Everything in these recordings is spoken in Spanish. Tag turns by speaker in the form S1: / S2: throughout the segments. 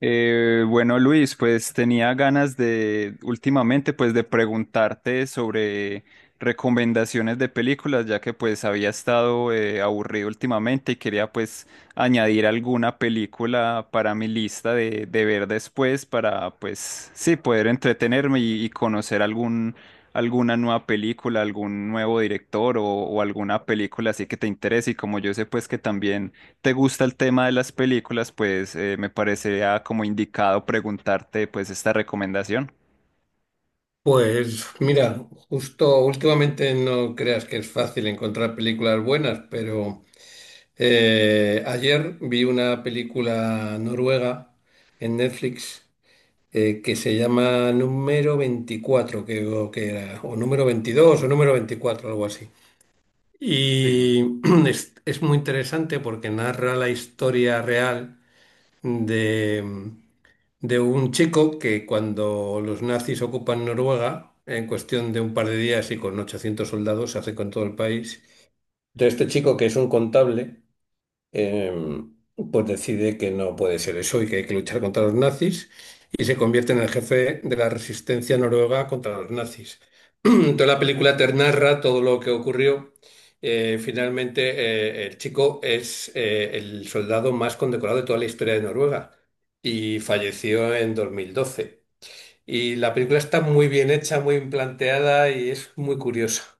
S1: Bueno, Luis, pues tenía ganas de últimamente pues de preguntarte sobre recomendaciones de películas, ya que pues había estado aburrido últimamente y quería pues añadir alguna película para mi lista de ver después para pues sí poder entretenerme y conocer algún alguna nueva película, algún nuevo director o alguna película así que te interese y como yo sé pues que también te gusta el tema de las películas, pues me parecería como indicado preguntarte pues esta recomendación.
S2: Pues mira, justo últimamente no creas que es fácil encontrar películas buenas, pero ayer vi una película noruega en Netflix, que se llama Número 24, creo que era, o Número 22 o Número 24, algo así.
S1: Sí.
S2: Y es muy interesante porque narra la historia real de, de un chico que cuando los nazis ocupan Noruega, en cuestión de un par de días y con 800 soldados, se hace con todo el país. De este chico que es un contable, em, pues decide que no puede ser eso y que hay que luchar contra los nazis y se convierte en el jefe de la resistencia noruega contra los nazis. Toda la película te narra todo lo que ocurrió. Finalmente, el chico es el soldado más condecorado de toda la historia de Noruega y falleció en 2012. Y la película está muy bien hecha, muy bien planteada y es muy curiosa.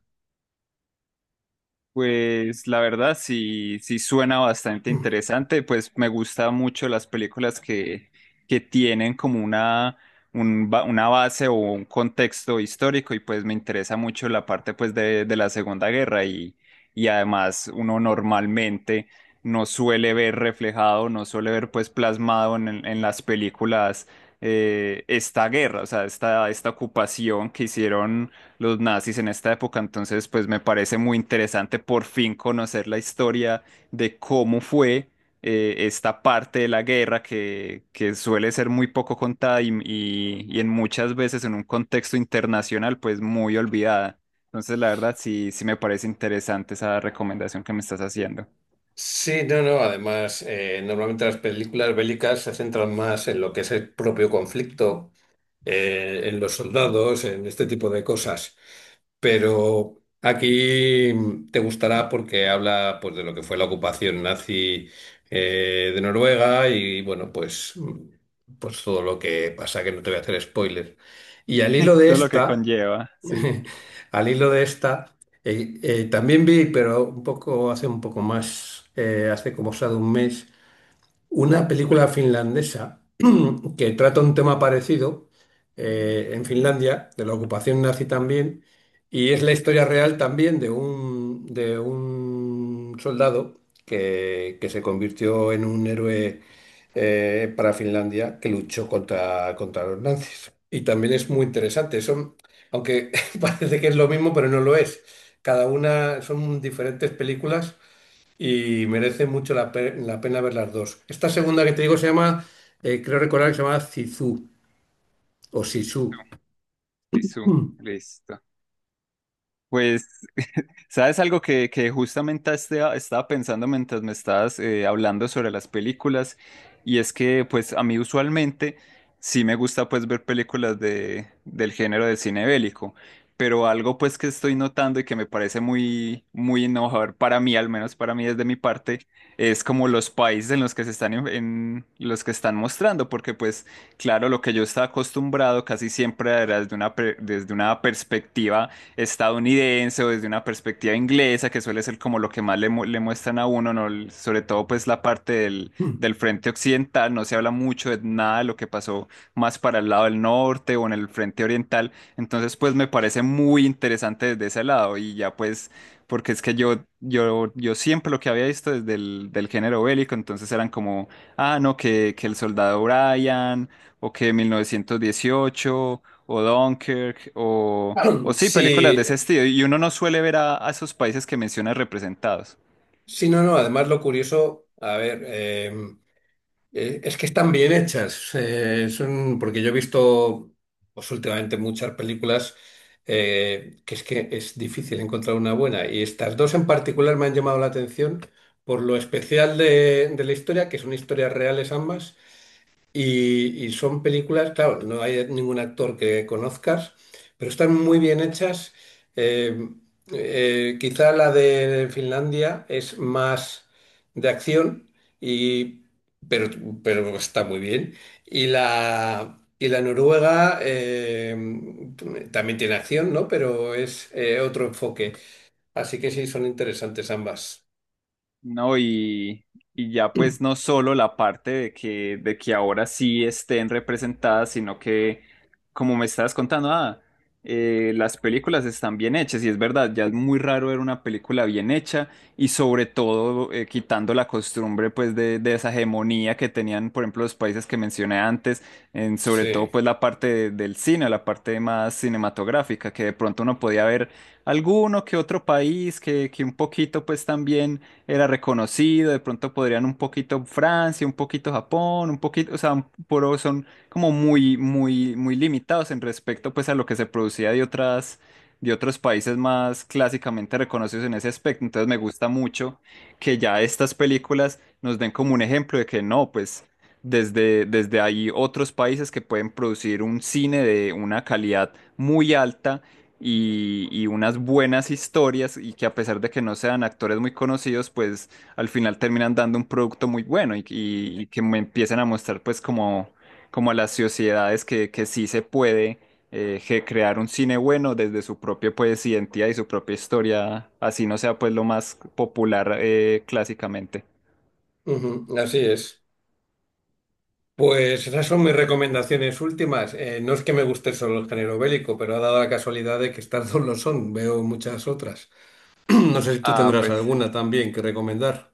S1: Pues la verdad sí, sí suena bastante interesante, pues me gusta mucho las películas que tienen como una, una base o un contexto histórico y pues me interesa mucho la parte pues de la Segunda Guerra y además uno normalmente no suele ver reflejado, no suele ver pues plasmado en las películas esta guerra, o sea, esta ocupación que hicieron los nazis en esta época, entonces pues me parece muy interesante por fin conocer la historia de cómo fue, esta parte de la guerra que suele ser muy poco contada y en muchas veces en un contexto internacional pues muy olvidada. Entonces la verdad sí, sí me parece interesante esa recomendación que me estás haciendo.
S2: Sí, no, no. Además, normalmente las películas bélicas se centran más en lo que es el propio conflicto, en los soldados, en este tipo de cosas. Pero aquí te gustará porque habla, pues, de lo que fue la ocupación nazi de Noruega. Y bueno, pues, pues todo lo que pasa, que no te voy a hacer spoiler. Y al hilo de
S1: Todo lo que
S2: esta.
S1: conlleva, sí.
S2: Al hilo de esta, también vi, pero un poco, hace un poco más, hace como o sea de un mes, una película finlandesa que trata un tema parecido en Finlandia, de la ocupación nazi también, y es la historia real también de un soldado que se convirtió en un héroe para Finlandia, que luchó contra los nazis. Y también es muy interesante, son, aunque parece que es lo mismo, pero no lo es. Cada una son diferentes películas y merece mucho la pena ver las dos. Esta segunda que te digo se llama, creo recordar que se llama Zizou o Sisu.
S1: Listo, listo,
S2: Mm,
S1: listo. Pues, ¿sabes algo que justamente estaba pensando mientras me estabas hablando sobre las películas? Y es que, pues, a mí usualmente sí me gusta, pues, ver películas del género de cine bélico, pero algo, pues, que estoy notando y que me parece muy, muy innovador para mí, al menos para mí desde mi parte, es como los países en los que se están, en los que están mostrando, porque, pues, claro, lo que yo estaba acostumbrado casi siempre era desde una, desde una perspectiva estadounidense o desde una perspectiva inglesa, que suele ser como lo que más le, le muestran a uno, ¿no? Sobre todo pues la parte del,
S2: mm.
S1: del frente occidental, no se habla mucho de nada de lo que pasó más para el lado del norte o en el frente oriental, entonces pues me parece muy interesante desde ese lado y ya pues porque es que yo siempre lo que había visto desde el del género bélico, entonces eran como, ah, no, que el soldado Brian o que 1918 o Dunkirk o... O sí, películas de
S2: Sí,
S1: ese estilo. Y uno no suele ver a esos países que mencionas representados.
S2: sí, no, no. Además, lo curioso, a ver, es que están bien hechas. Son, porque yo he visto, pues últimamente, muchas películas, que es difícil encontrar una buena. Y estas dos en particular me han llamado la atención por lo especial de la historia, que son historias reales ambas. Y son películas, claro, no hay ningún actor que conozcas, pero están muy bien hechas. Eh, Quizá la de Finlandia es más de acción, y, pero, pero está muy bien. Y la noruega, también tiene acción, ¿no? Pero es, otro enfoque. Así que sí, son interesantes ambas.
S1: No, y ya pues no solo la parte de que ahora sí estén representadas, sino que, como me estabas contando, ah, las películas están bien hechas, y es verdad, ya es muy raro ver una película bien hecha, y sobre todo quitando la costumbre pues de esa hegemonía que tenían, por ejemplo, los países que mencioné antes, en, sobre todo
S2: Sí,
S1: pues la parte del cine, la parte más cinematográfica, que de pronto uno podía ver alguno que otro país que un poquito pues también era reconocido, de pronto podrían un poquito Francia, un poquito Japón, un poquito, o sea, un- pero son como muy, muy, muy limitados en respecto pues a lo que se producía de otras, de otros países más clásicamente reconocidos en ese aspecto. Entonces me gusta mucho que ya estas películas nos den como un ejemplo de que no, pues desde, desde ahí otros países que pueden producir un cine de una calidad muy alta y unas buenas historias y que a pesar de que no sean actores muy conocidos, pues al final terminan dando un producto muy bueno y que me empiecen a mostrar pues como, como a las sociedades que sí se puede crear un cine bueno desde su propia pues identidad y su propia historia, así no sea pues lo más popular clásicamente.
S2: ujú, así es. Pues esas son mis recomendaciones últimas. No es que me guste solo el género bélico, pero ha dado la casualidad de que estas dos lo son. Veo muchas otras. No sé si tú
S1: Ah,
S2: tendrás
S1: pues.
S2: alguna también que recomendar.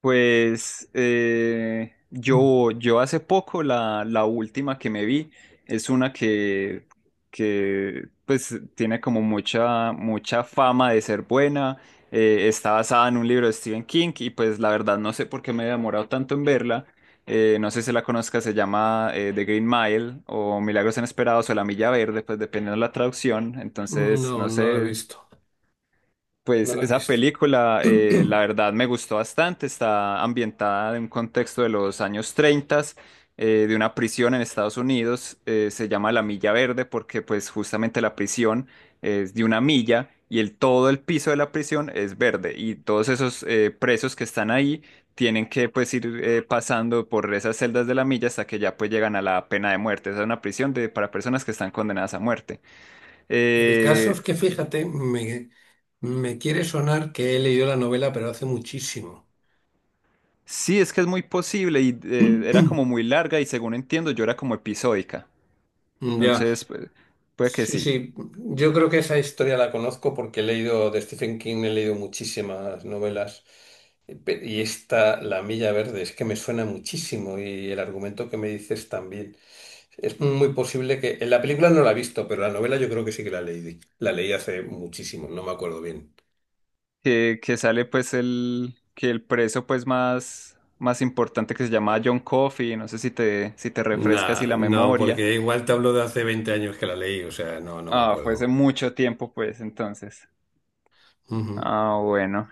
S1: Pues
S2: Mm.
S1: yo hace poco la última que me vi es una que pues tiene como mucha, mucha fama de ser buena. Está basada en un libro de Stephen King y pues la verdad no sé por qué me he demorado tanto en verla. No sé si la conozcas, se llama The Green Mile o Milagros Inesperados o La Milla Verde, pues dependiendo de la traducción. Entonces,
S2: No,
S1: no
S2: no la he
S1: sé,
S2: visto. No
S1: pues
S2: la he
S1: esa
S2: visto.
S1: película, la verdad, me gustó bastante. Está ambientada en un contexto de los años 30, de una prisión en Estados Unidos. Eh, se llama La Milla Verde porque, pues, justamente la prisión es de una milla y el, todo el piso de la prisión es verde. Y todos esos presos que están ahí tienen que, pues, ir pasando por esas celdas de la milla hasta que ya, pues, llegan a la pena de muerte. Esa es una prisión de, para personas que están condenadas a muerte.
S2: El caso
S1: Eh,
S2: es que, fíjate, me quiere sonar que he leído la novela, pero hace muchísimo.
S1: Sí, es que es muy posible y era como muy larga y según entiendo yo era como episódica.
S2: Ya.
S1: Entonces, pues, puede que
S2: Sí,
S1: sí.
S2: sí, yo creo que esa historia la conozco porque he leído de Stephen King, he leído muchísimas novelas. Y esta, La Milla Verde, es que me suena muchísimo, y el argumento que me dices también. Es muy posible que... En la película no la he visto, pero la novela yo creo que sí que la leí. La leí hace muchísimo, no me acuerdo bien.
S1: Que sale pues el, que el preso pues más, más importante que se llamaba John Coffey, no sé si te, si te refresca así
S2: Nah,
S1: la
S2: no,
S1: memoria.
S2: porque igual te hablo de hace 20 años que la leí. O sea, no, no me
S1: Ah, fue hace
S2: acuerdo.
S1: mucho tiempo pues entonces. Ah, bueno.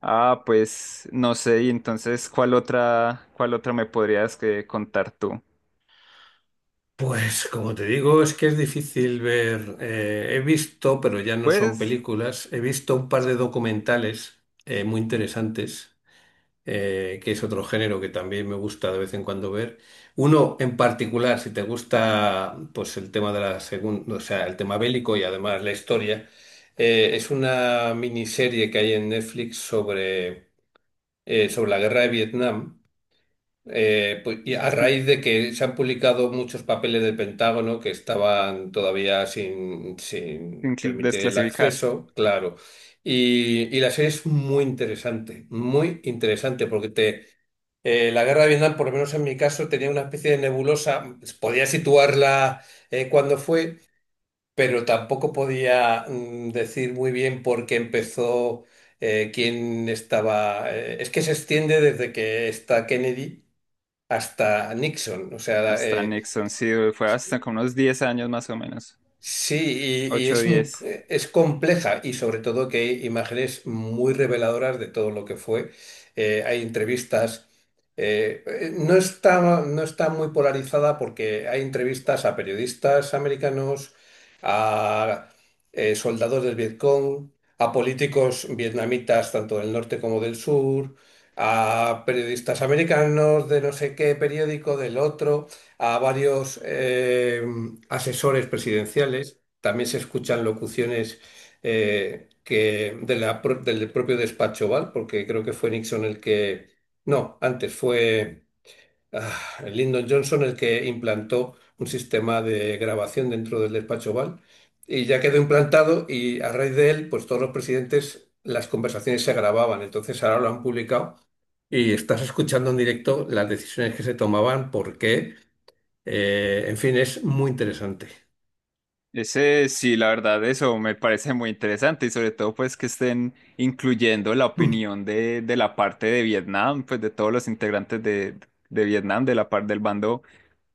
S1: Ah, pues no sé, y entonces cuál otra me podrías que contar tú?
S2: Pues como te digo, es que es difícil ver. He visto, pero ya no son
S1: Pues,
S2: películas, he visto un par de documentales muy interesantes, que es otro género que también me gusta de vez en cuando ver. Uno en particular, si te gusta pues el tema de la segunda, o sea, el tema bélico y además la historia, es una miniserie que hay en Netflix sobre, sobre la guerra de Vietnam. Pues, y a raíz de que se han publicado muchos papeles del Pentágono que estaban todavía
S1: sin
S2: sin
S1: cl-
S2: permitir el
S1: desclasificar.
S2: acceso, claro. Y la serie es muy interesante, porque te, la guerra de Vietnam, por lo menos en mi caso, tenía una especie de nebulosa, podía situarla cuando fue, pero tampoco podía, decir muy bien por qué empezó, quién estaba. Es que se extiende desde que está Kennedy hasta Nixon. O sea,
S1: Hasta Nixon, sí, güey, fue hasta como unos 10 años más o menos,
S2: sí, y
S1: 8, o
S2: es, un-
S1: 10.
S2: es compleja, y sobre todo que hay imágenes muy reveladoras de todo lo que fue. Hay entrevistas. No está, no está muy polarizada porque hay entrevistas a periodistas americanos, a soldados del Vietcong, a políticos vietnamitas tanto del norte como del sur, a periodistas americanos de no sé qué periódico, del otro, a varios asesores presidenciales. También se escuchan locuciones que del propio despacho Oval, porque creo que fue Nixon el que... No, antes fue, Lyndon Johnson, el que implantó un sistema de grabación dentro del despacho Oval, y ya quedó implantado, y a raíz de él, pues todos los presidentes, las conversaciones se grababan. Entonces ahora lo han publicado. Y estás escuchando en directo las decisiones que se tomaban, por qué, en fin, es muy interesante.
S1: Ese, sí, la verdad, eso me parece muy interesante y sobre todo pues que estén incluyendo la
S2: Mm.
S1: opinión de la parte de Vietnam, pues de todos los integrantes de Vietnam, de la parte del bando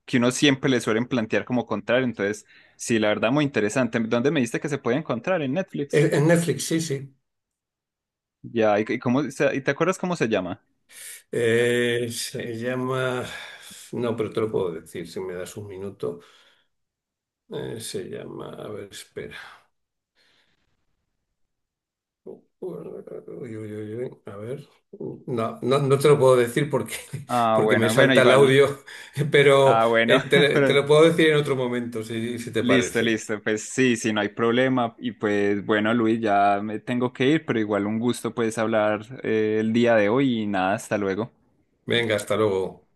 S1: que uno siempre le suelen plantear como contrario. Entonces, sí, la verdad, muy interesante. ¿Dónde me dijiste que se puede encontrar? En Netflix.
S2: En Netflix, sí, sí.
S1: Ya, ¿ y cómo, y te acuerdas cómo se llama?
S2: Se llama... No, pero te lo puedo decir si me das un minuto. Se llama... A ver, espera. Uy, uy, uy, uy. A ver. No, no, no te lo puedo decir porque,
S1: Ah,
S2: porque me
S1: bueno, bueno,
S2: salta el
S1: igual.
S2: audio, pero
S1: Ah, bueno,
S2: te
S1: pero
S2: lo puedo decir en otro momento, si te
S1: listo,
S2: parece.
S1: listo. Pues sí, sí, no hay problema. Y pues bueno, Luis, ya me tengo que ir, pero igual un gusto pues hablar el día de hoy y nada, hasta luego.
S2: Venga, hasta luego.